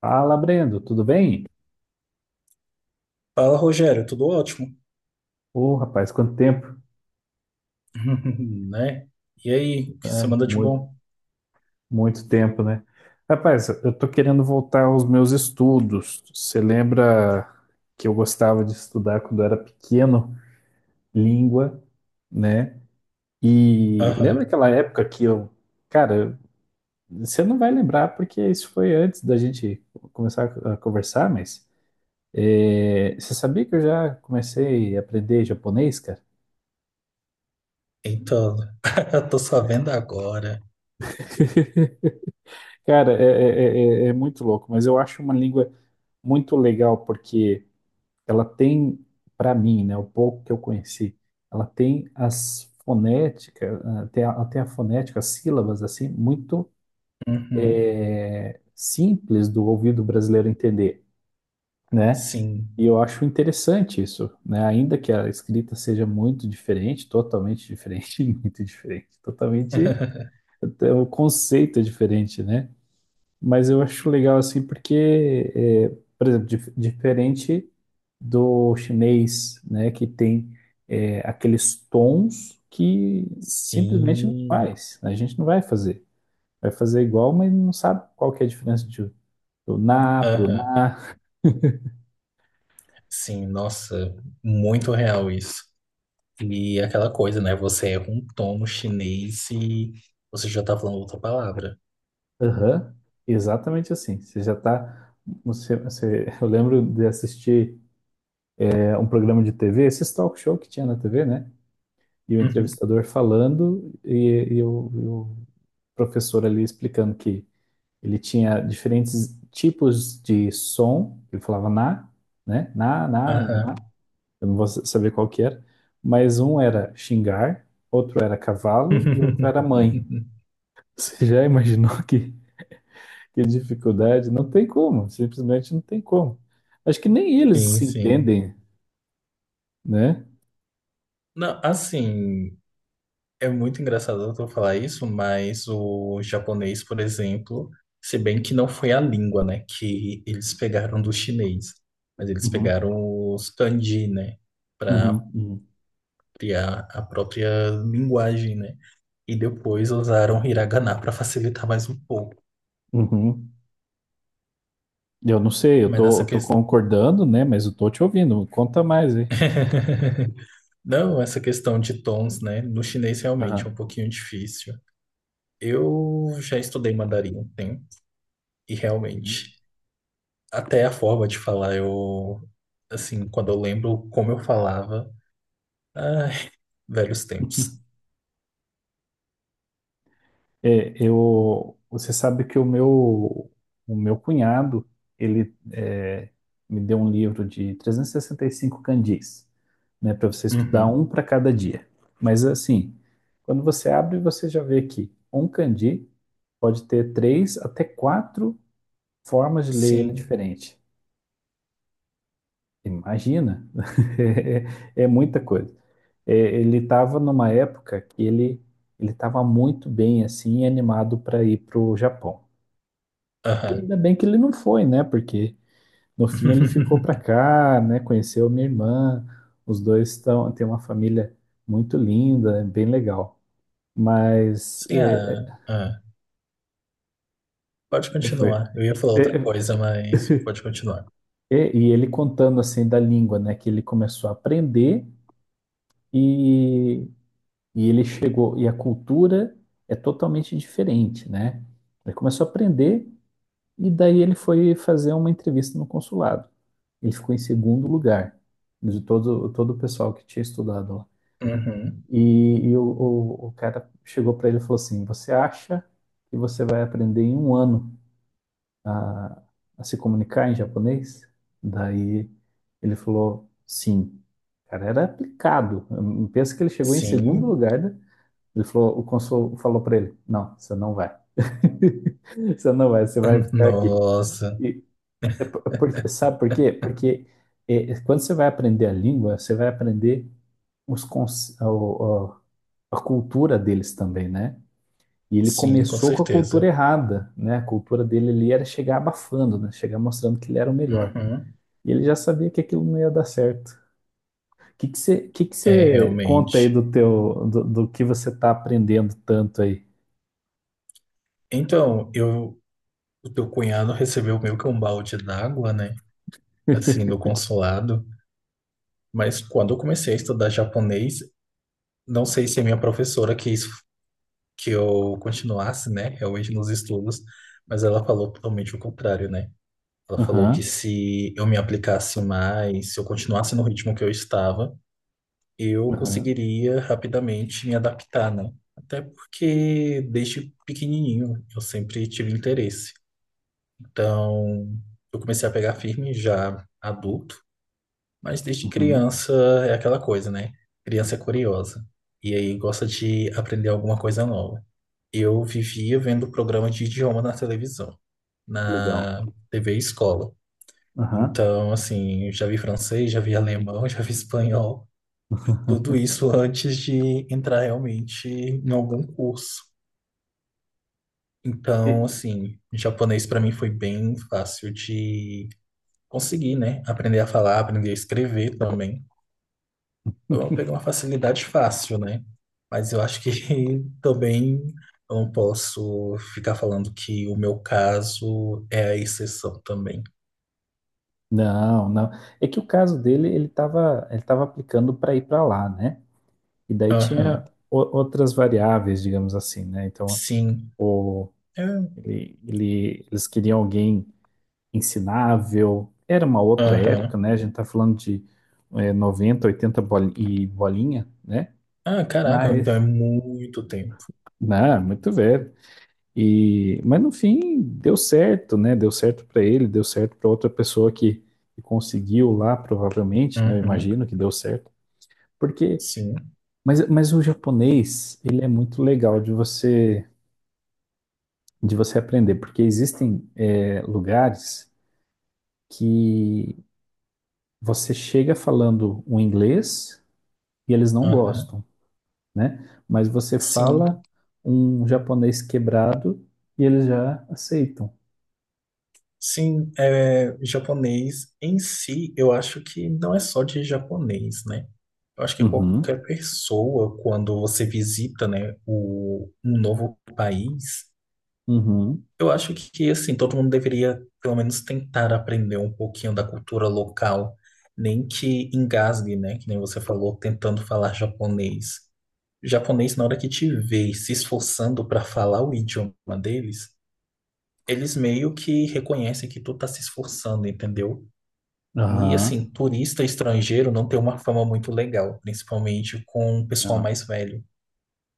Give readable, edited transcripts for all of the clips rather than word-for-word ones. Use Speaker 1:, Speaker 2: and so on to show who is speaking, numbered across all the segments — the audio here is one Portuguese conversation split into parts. Speaker 1: Fala, Brendo, tudo bem?
Speaker 2: Fala, Rogério, tudo ótimo?
Speaker 1: Ô, rapaz, quanto tempo?
Speaker 2: Né? E aí, o que
Speaker 1: É,
Speaker 2: você manda de
Speaker 1: muito,
Speaker 2: bom?
Speaker 1: muito tempo, né? Rapaz, eu tô querendo voltar aos meus estudos. Você lembra que eu gostava de estudar quando eu era pequeno, língua, né? E lembra
Speaker 2: Aham.
Speaker 1: aquela época que eu, cara, você não vai lembrar porque isso foi antes da gente começar a conversar, mas você sabia que eu já comecei a aprender japonês, cara?
Speaker 2: Então, tô sabendo agora.
Speaker 1: Cara, é muito louco, mas eu acho uma língua muito legal porque ela tem, para mim, né, o pouco que eu conheci, ela tem as fonéticas, tem a fonética, as sílabas, assim, muito
Speaker 2: Uhum.
Speaker 1: simples do ouvido brasileiro entender, né?
Speaker 2: Sim.
Speaker 1: E eu acho interessante isso, né? Ainda que a escrita seja muito diferente, totalmente diferente, muito diferente, totalmente, até o conceito é diferente, né? Mas eu acho legal assim porque, é, por exemplo, diferente do chinês, né, que tem aqueles tons que simplesmente não
Speaker 2: Sim.
Speaker 1: faz, a gente não vai fazer. Vai fazer igual, mas não sabe qual que é a diferença de, do na pro
Speaker 2: Aham.
Speaker 1: na.
Speaker 2: Sim, nossa, muito real isso. E aquela coisa, né? Você erra um tom no chinês e você já tá falando outra palavra.
Speaker 1: Aham. Exatamente assim. Você já tá. Eu lembro de assistir um programa de TV, esses talk show que tinha na TV, né? E o
Speaker 2: Uhum.
Speaker 1: entrevistador falando e o professor ali explicando que ele tinha diferentes tipos de som, ele falava na, né? Na, na,
Speaker 2: Aham.
Speaker 1: na, eu não vou saber qual que era, mas um era xingar, outro era cavalo e outro era mãe. Você já imaginou que dificuldade? Não tem como, simplesmente não tem como. Acho que nem eles
Speaker 2: Sim,
Speaker 1: se
Speaker 2: sim.
Speaker 1: entendem, né?
Speaker 2: Não, assim, é muito engraçado tu falar isso, mas o japonês, por exemplo, se bem que não foi a língua, né, que eles pegaram do chinês, mas eles
Speaker 1: Uhum,
Speaker 2: pegaram os kanji, né, para
Speaker 1: uhum,
Speaker 2: criar a própria linguagem, né, e depois usaram hiragana para facilitar mais um pouco.
Speaker 1: uhum, uhum. Eu não sei, eu
Speaker 2: Mas
Speaker 1: tô, eu
Speaker 2: essa
Speaker 1: tô
Speaker 2: questão.
Speaker 1: concordando, né? Mas eu tô te ouvindo. Conta mais aí.
Speaker 2: Não, essa questão de tons, né, no chinês realmente é
Speaker 1: Aham.
Speaker 2: um pouquinho difícil. Eu já estudei mandarim um tempo, e realmente. Até a forma de falar, eu, assim, quando eu lembro como eu falava, ai, velhos tempos.
Speaker 1: É, eu, você sabe que o meu cunhado, ele me deu um livro de 365 candis, né? Para você estudar
Speaker 2: Uhum.
Speaker 1: um para cada dia. Mas assim, quando você abre, você já vê que um candi pode ter três até quatro formas de ler ele
Speaker 2: Sim,
Speaker 1: diferente. Imagina, é muita coisa. É, ele estava numa época que ele estava muito bem assim, animado para ir para o Japão. E
Speaker 2: aham.
Speaker 1: ainda bem que ele não foi, né? Porque no fim ele ficou para cá, né? Conheceu minha irmã, os dois estão têm uma família muito linda, é bem legal. Mas
Speaker 2: Sim, ah, ah. Pode
Speaker 1: foi.
Speaker 2: continuar. Eu ia falar
Speaker 1: É,
Speaker 2: outra coisa, mas pode continuar.
Speaker 1: e ele contando assim da língua, né? Que ele começou a aprender e E ele chegou, e a cultura é totalmente diferente, né? Ele começou a aprender e daí ele foi fazer uma entrevista no consulado. Ele ficou em segundo lugar de todo o pessoal que tinha estudado lá.
Speaker 2: Uhum.
Speaker 1: E, o cara chegou para ele e falou assim: Você acha que você vai aprender em um ano a, a se comunicar em japonês? Daí ele falou: Sim. O cara era aplicado. Pensa que ele chegou em segundo
Speaker 2: Sim,
Speaker 1: lugar da, ele falou, o cônsul falou para ele: Não, você não vai. Você não vai, você vai ficar aqui.
Speaker 2: nossa,
Speaker 1: E, sabe por quê? Porque quando você vai aprender a língua, você vai aprender os, cons- o- a cultura deles também, né? E ele
Speaker 2: sim, com
Speaker 1: começou com a cultura
Speaker 2: certeza.
Speaker 1: errada, né? A cultura dele ali era chegar abafando, né? Chegar mostrando que ele era o melhor.
Speaker 2: Uhum.
Speaker 1: E ele já sabia que aquilo não ia dar certo. O que que você, que que
Speaker 2: É,
Speaker 1: você conta aí
Speaker 2: realmente.
Speaker 1: do do que você está aprendendo tanto aí?
Speaker 2: Então, eu, o teu cunhado recebeu meio que um balde d'água, né? Assim, do consulado. Mas quando eu comecei a estudar japonês, não sei se a minha professora quis que eu continuasse, né, realmente nos estudos, mas ela falou totalmente o contrário, né? Ela falou que
Speaker 1: Aham.
Speaker 2: se eu me aplicasse mais, se eu continuasse no ritmo que eu estava, eu
Speaker 1: Aham,
Speaker 2: conseguiria rapidamente me adaptar, né? Até porque desde pequenininho eu sempre tive interesse. Então, eu comecei a pegar firme já adulto, mas desde
Speaker 1: uhum,
Speaker 2: criança é aquela coisa, né? Criança é curiosa e aí gosta de aprender alguma coisa nova. Eu vivia vendo programa de idioma na televisão,
Speaker 1: legal.
Speaker 2: na TV escola.
Speaker 1: Aham.
Speaker 2: Então, assim, eu já vi francês, já vi alemão, já vi espanhol, tudo isso antes de entrar realmente em algum curso. Então,
Speaker 1: E-
Speaker 2: assim, japonês para mim foi bem fácil de conseguir, né? Aprender a falar, aprender a escrever também. Então, eu vou pegar uma facilidade fácil, né? Mas eu acho que também eu não posso ficar falando que o meu caso é a exceção também.
Speaker 1: Não, não. É que o caso dele, ele tava aplicando para ir para lá, né? E daí
Speaker 2: Aham,
Speaker 1: tinha outras variáveis, digamos assim, né? Então,
Speaker 2: sim.
Speaker 1: o,
Speaker 2: É,
Speaker 1: eles queriam alguém ensinável. Era uma outra época,
Speaker 2: aham.
Speaker 1: né? A gente tá falando de 90, 80 e bolinha, né?
Speaker 2: Ah, caraca,
Speaker 1: Mas,
Speaker 2: então é muito tempo.
Speaker 1: não, muito velho. E, mas no fim deu certo, né? Deu certo para ele, deu certo para outra pessoa que, conseguiu lá, provavelmente, né? Eu
Speaker 2: Uhum.
Speaker 1: imagino que deu certo. Porque,
Speaker 2: Sim.
Speaker 1: mas o japonês, ele é muito legal de você aprender, porque existem lugares que você chega falando um inglês e eles não
Speaker 2: Aham.
Speaker 1: gostam, né? Mas você
Speaker 2: Sim.
Speaker 1: fala um japonês quebrado e eles já aceitam.
Speaker 2: Sim, é, japonês em si, eu acho que não é só de japonês, né? Eu acho que
Speaker 1: Uhum,
Speaker 2: qualquer pessoa, quando você visita, né, o, um novo país,
Speaker 1: uhum,
Speaker 2: eu acho que, assim, todo mundo deveria, pelo menos, tentar aprender um pouquinho da cultura local, nem que engasgue, né? Que nem você falou, tentando falar japonês. Japonês, na hora que te vê se esforçando para falar o idioma deles, eles meio que reconhecem que tu tá se esforçando, entendeu? E, assim,
Speaker 1: aham.
Speaker 2: turista estrangeiro não tem uma fama muito legal, principalmente com o pessoal
Speaker 1: Não,
Speaker 2: mais velho,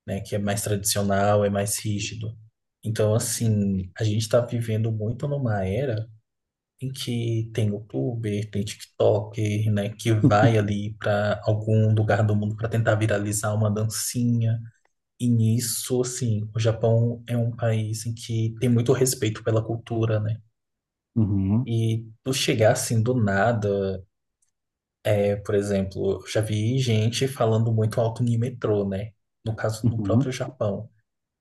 Speaker 2: né? Que é mais tradicional, é mais rígido. Então,
Speaker 1: sim.
Speaker 2: assim, a gente está vivendo muito numa era em que tem youtuber, tem TikToker, né, que vai ali para algum lugar do mundo para tentar viralizar uma dancinha. E nisso, assim, o Japão é um país em que tem muito respeito pela cultura, né?
Speaker 1: Uhum,
Speaker 2: E tu chegar assim do nada, é, por exemplo, eu já vi gente falando muito alto no metrô, né? No caso, no próprio
Speaker 1: uhum.
Speaker 2: Japão.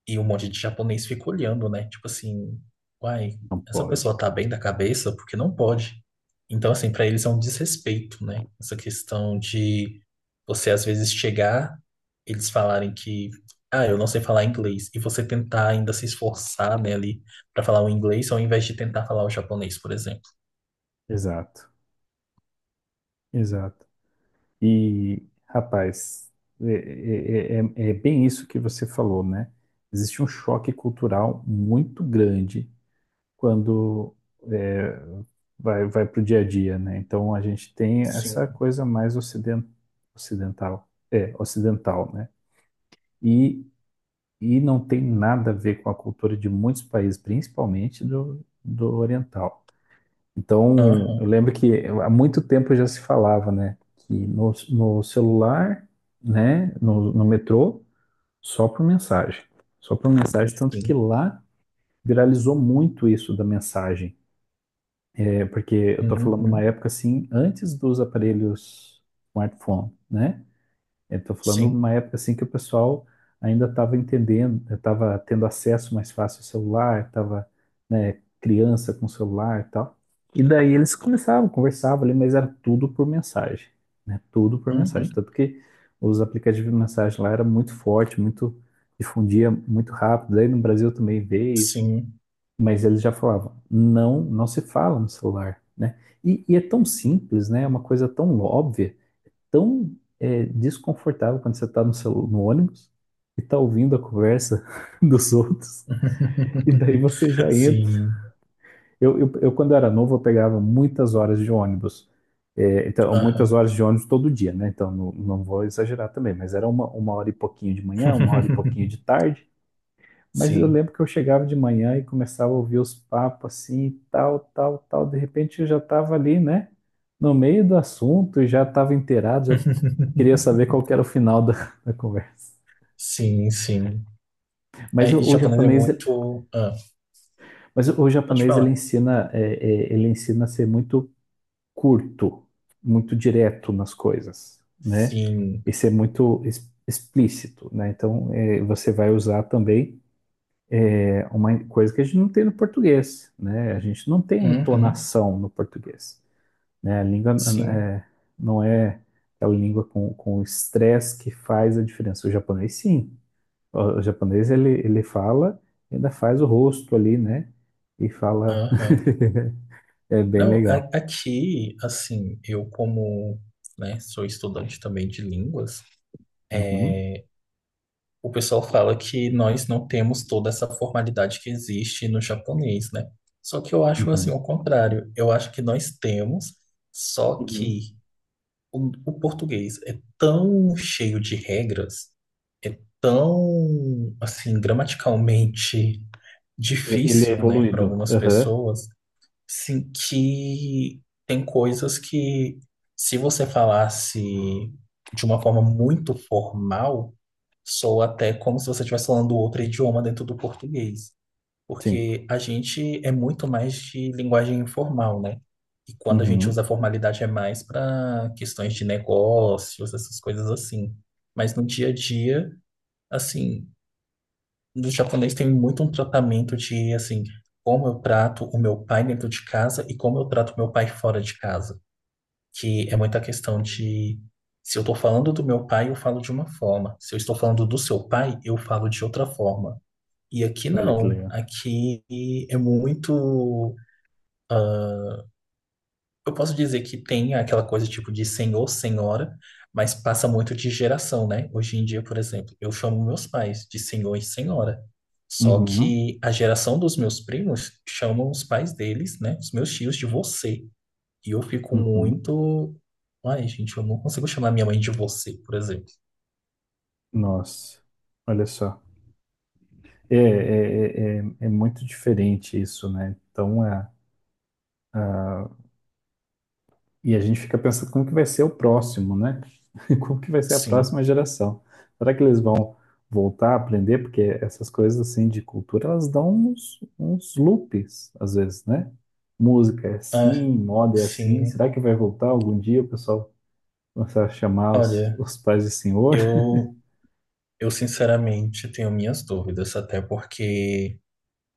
Speaker 2: E um monte de japonês fica olhando, né? Tipo assim, uai,
Speaker 1: Não
Speaker 2: essa
Speaker 1: pode.
Speaker 2: pessoa tá bem da cabeça porque não pode. Então, assim, pra eles é um desrespeito, né? Essa questão de você às vezes chegar, eles falarem que, ah, eu não sei falar inglês, e você tentar ainda se esforçar, né, ali pra falar o inglês ao invés de tentar falar o japonês, por exemplo.
Speaker 1: Exato, exato. E, rapaz, é bem isso que você falou, né? Existe um choque cultural muito grande quando é, vai para o dia a dia, né? Então a gente tem essa
Speaker 2: Sim.
Speaker 1: coisa mais ocidental, né? E, e não tem nada a ver com a cultura de muitos países, principalmente do, oriental. Então, eu
Speaker 2: Aham.
Speaker 1: lembro que há muito tempo já se falava, né, que no, no, celular, né, no metrô, só por mensagem. Só por mensagem, tanto que
Speaker 2: Sim.
Speaker 1: lá viralizou muito isso da mensagem. É porque eu tô falando uma
Speaker 2: Uhum.
Speaker 1: época assim, antes dos aparelhos smartphone, né? Estou falando
Speaker 2: Sim.
Speaker 1: uma época assim que o pessoal ainda estava entendendo, estava tendo acesso mais fácil ao celular, estava, né, criança com celular e tal. E daí eles começavam, conversavam ali, mas era tudo por mensagem, né? Tudo por mensagem.
Speaker 2: Uhum.
Speaker 1: Tanto que os aplicativos de mensagem lá era muito forte, muito difundia muito rápido. Daí no Brasil também veio,
Speaker 2: Sim.
Speaker 1: mas eles já falavam, não, não se fala no celular, né? E é tão simples, né? É uma coisa tão óbvia tão desconfortável quando você está no ônibus e está ouvindo a conversa dos outros, e daí você já entra.
Speaker 2: Sim.
Speaker 1: Eu quando era novo, eu pegava muitas horas de ônibus. É, então,
Speaker 2: Aham.
Speaker 1: muitas horas de ônibus todo dia, né? Então, não, não vou exagerar também, mas era uma hora e pouquinho de manhã, uma hora e pouquinho de tarde. Mas eu
Speaker 2: Sim.
Speaker 1: lembro que eu chegava de manhã e começava a ouvir os papos assim, tal, tal, tal. De repente eu já estava ali, né? No meio do assunto e já estava inteirado, já queria saber qual que era o final da, da conversa.
Speaker 2: Sim, sim. É,
Speaker 1: Mas o,
Speaker 2: e
Speaker 1: o
Speaker 2: japonês é
Speaker 1: japonês,
Speaker 2: muito. Ah,
Speaker 1: mas o, o
Speaker 2: pode
Speaker 1: japonês ele
Speaker 2: falar.
Speaker 1: ensina, é, é, ele ensina a ser muito curto, muito direto nas coisas, né?
Speaker 2: Sim.
Speaker 1: E ser muito explícito, né? Então você vai usar também uma coisa que a gente não tem no português, né? A gente não tem a
Speaker 2: Uhum.
Speaker 1: entonação no português, né? A língua
Speaker 2: Sim.
Speaker 1: é, não é aquela língua com o estresse que faz a diferença. O japonês sim. O japonês, ele fala, e ainda faz o rosto ali, né? E fala.
Speaker 2: Aham.
Speaker 1: É bem
Speaker 2: Não,
Speaker 1: legal.
Speaker 2: aqui, assim, eu como, né, sou estudante também de línguas,
Speaker 1: Uhum,
Speaker 2: o pessoal fala que nós não temos toda essa formalidade que existe no japonês, né? Só que eu acho assim,
Speaker 1: uhum,
Speaker 2: o contrário. Eu acho que nós temos, só
Speaker 1: uhum.
Speaker 2: que o português é tão cheio de regras, é tão, assim, gramaticalmente
Speaker 1: Ele é
Speaker 2: difícil, né, para
Speaker 1: evoluído.
Speaker 2: algumas
Speaker 1: Aham,
Speaker 2: pessoas, sim, que tem coisas que, se você falasse de uma forma muito formal, soa até como se você estivesse falando outro idioma dentro do português.
Speaker 1: sim.
Speaker 2: Porque a gente é muito mais de linguagem informal, né? E quando a gente usa
Speaker 1: Uhum.
Speaker 2: formalidade é mais para questões de negócios, essas coisas assim. Mas no dia a dia, assim, no japonês tem muito um tratamento de, assim, como eu trato o meu pai dentro de casa e como eu trato o meu pai fora de casa. Que é muita questão de, se eu tô falando do meu pai, eu falo de uma forma. Se eu estou falando do seu pai, eu falo de outra forma. E aqui
Speaker 1: Olha que
Speaker 2: não.
Speaker 1: legal.
Speaker 2: Aqui é muito. Eu posso dizer que tem aquela coisa tipo de senhor, senhora, mas passa muito de geração, né? Hoje em dia, por exemplo, eu chamo meus pais de senhor e senhora. Só
Speaker 1: Uhum,
Speaker 2: que a geração dos meus primos chamam os pais deles, né? Os meus tios de você. E eu fico
Speaker 1: uhum.
Speaker 2: muito. Ai, gente, eu não consigo chamar minha mãe de você, por exemplo.
Speaker 1: Nossa, olha só. É muito diferente isso, né? Então, é. E a gente fica pensando como que vai ser o próximo, né? Como que vai ser a
Speaker 2: Sim.
Speaker 1: próxima geração? Será que eles vão voltar a aprender? Porque essas coisas assim de cultura, elas dão uns loops, às vezes, né? Música é
Speaker 2: Ah,
Speaker 1: assim, moda é assim.
Speaker 2: sim.
Speaker 1: Será que vai voltar algum dia o pessoal começar a chamar os,
Speaker 2: Olha,
Speaker 1: os pais de senhor?
Speaker 2: eu, eu sinceramente tenho minhas dúvidas, até porque.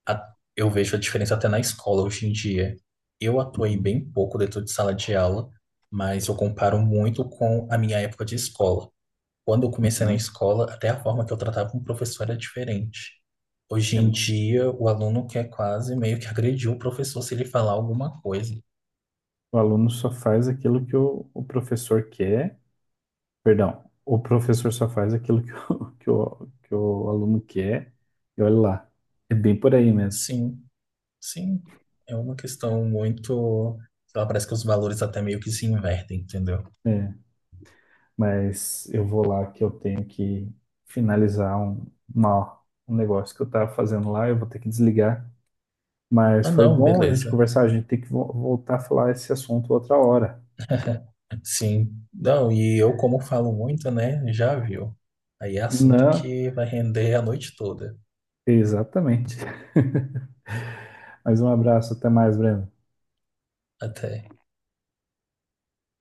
Speaker 2: Eu vejo a diferença até na escola hoje em dia. Eu atuei
Speaker 1: Uhum,
Speaker 2: bem pouco dentro de sala de aula, mas eu comparo muito com a minha época de escola. Quando eu comecei na
Speaker 1: uhum.
Speaker 2: escola, até a forma que eu tratava um professor era diferente. Hoje
Speaker 1: É
Speaker 2: em
Speaker 1: muito difícil.
Speaker 2: dia, o aluno quer quase meio que agredir o professor se ele falar alguma coisa.
Speaker 1: O aluno só faz aquilo que o professor quer. Perdão, o professor só faz aquilo que o aluno quer, e olha lá, é bem por aí mesmo.
Speaker 2: Sim, sim. É uma questão muito. Sei lá, parece que os valores até meio que se invertem, entendeu?
Speaker 1: É, mas eu vou lá que eu tenho que finalizar uma- um negócio que eu estava fazendo lá, eu vou ter que desligar. Mas
Speaker 2: Ah,
Speaker 1: foi
Speaker 2: não,
Speaker 1: bom a gente
Speaker 2: beleza.
Speaker 1: conversar, a gente tem que voltar a falar esse assunto outra hora.
Speaker 2: Sim, não, e eu, como falo muito, né, já viu. Aí é assunto
Speaker 1: Não,
Speaker 2: que vai render a noite toda,
Speaker 1: exatamente. Mas um abraço, até mais, Breno.
Speaker 2: até.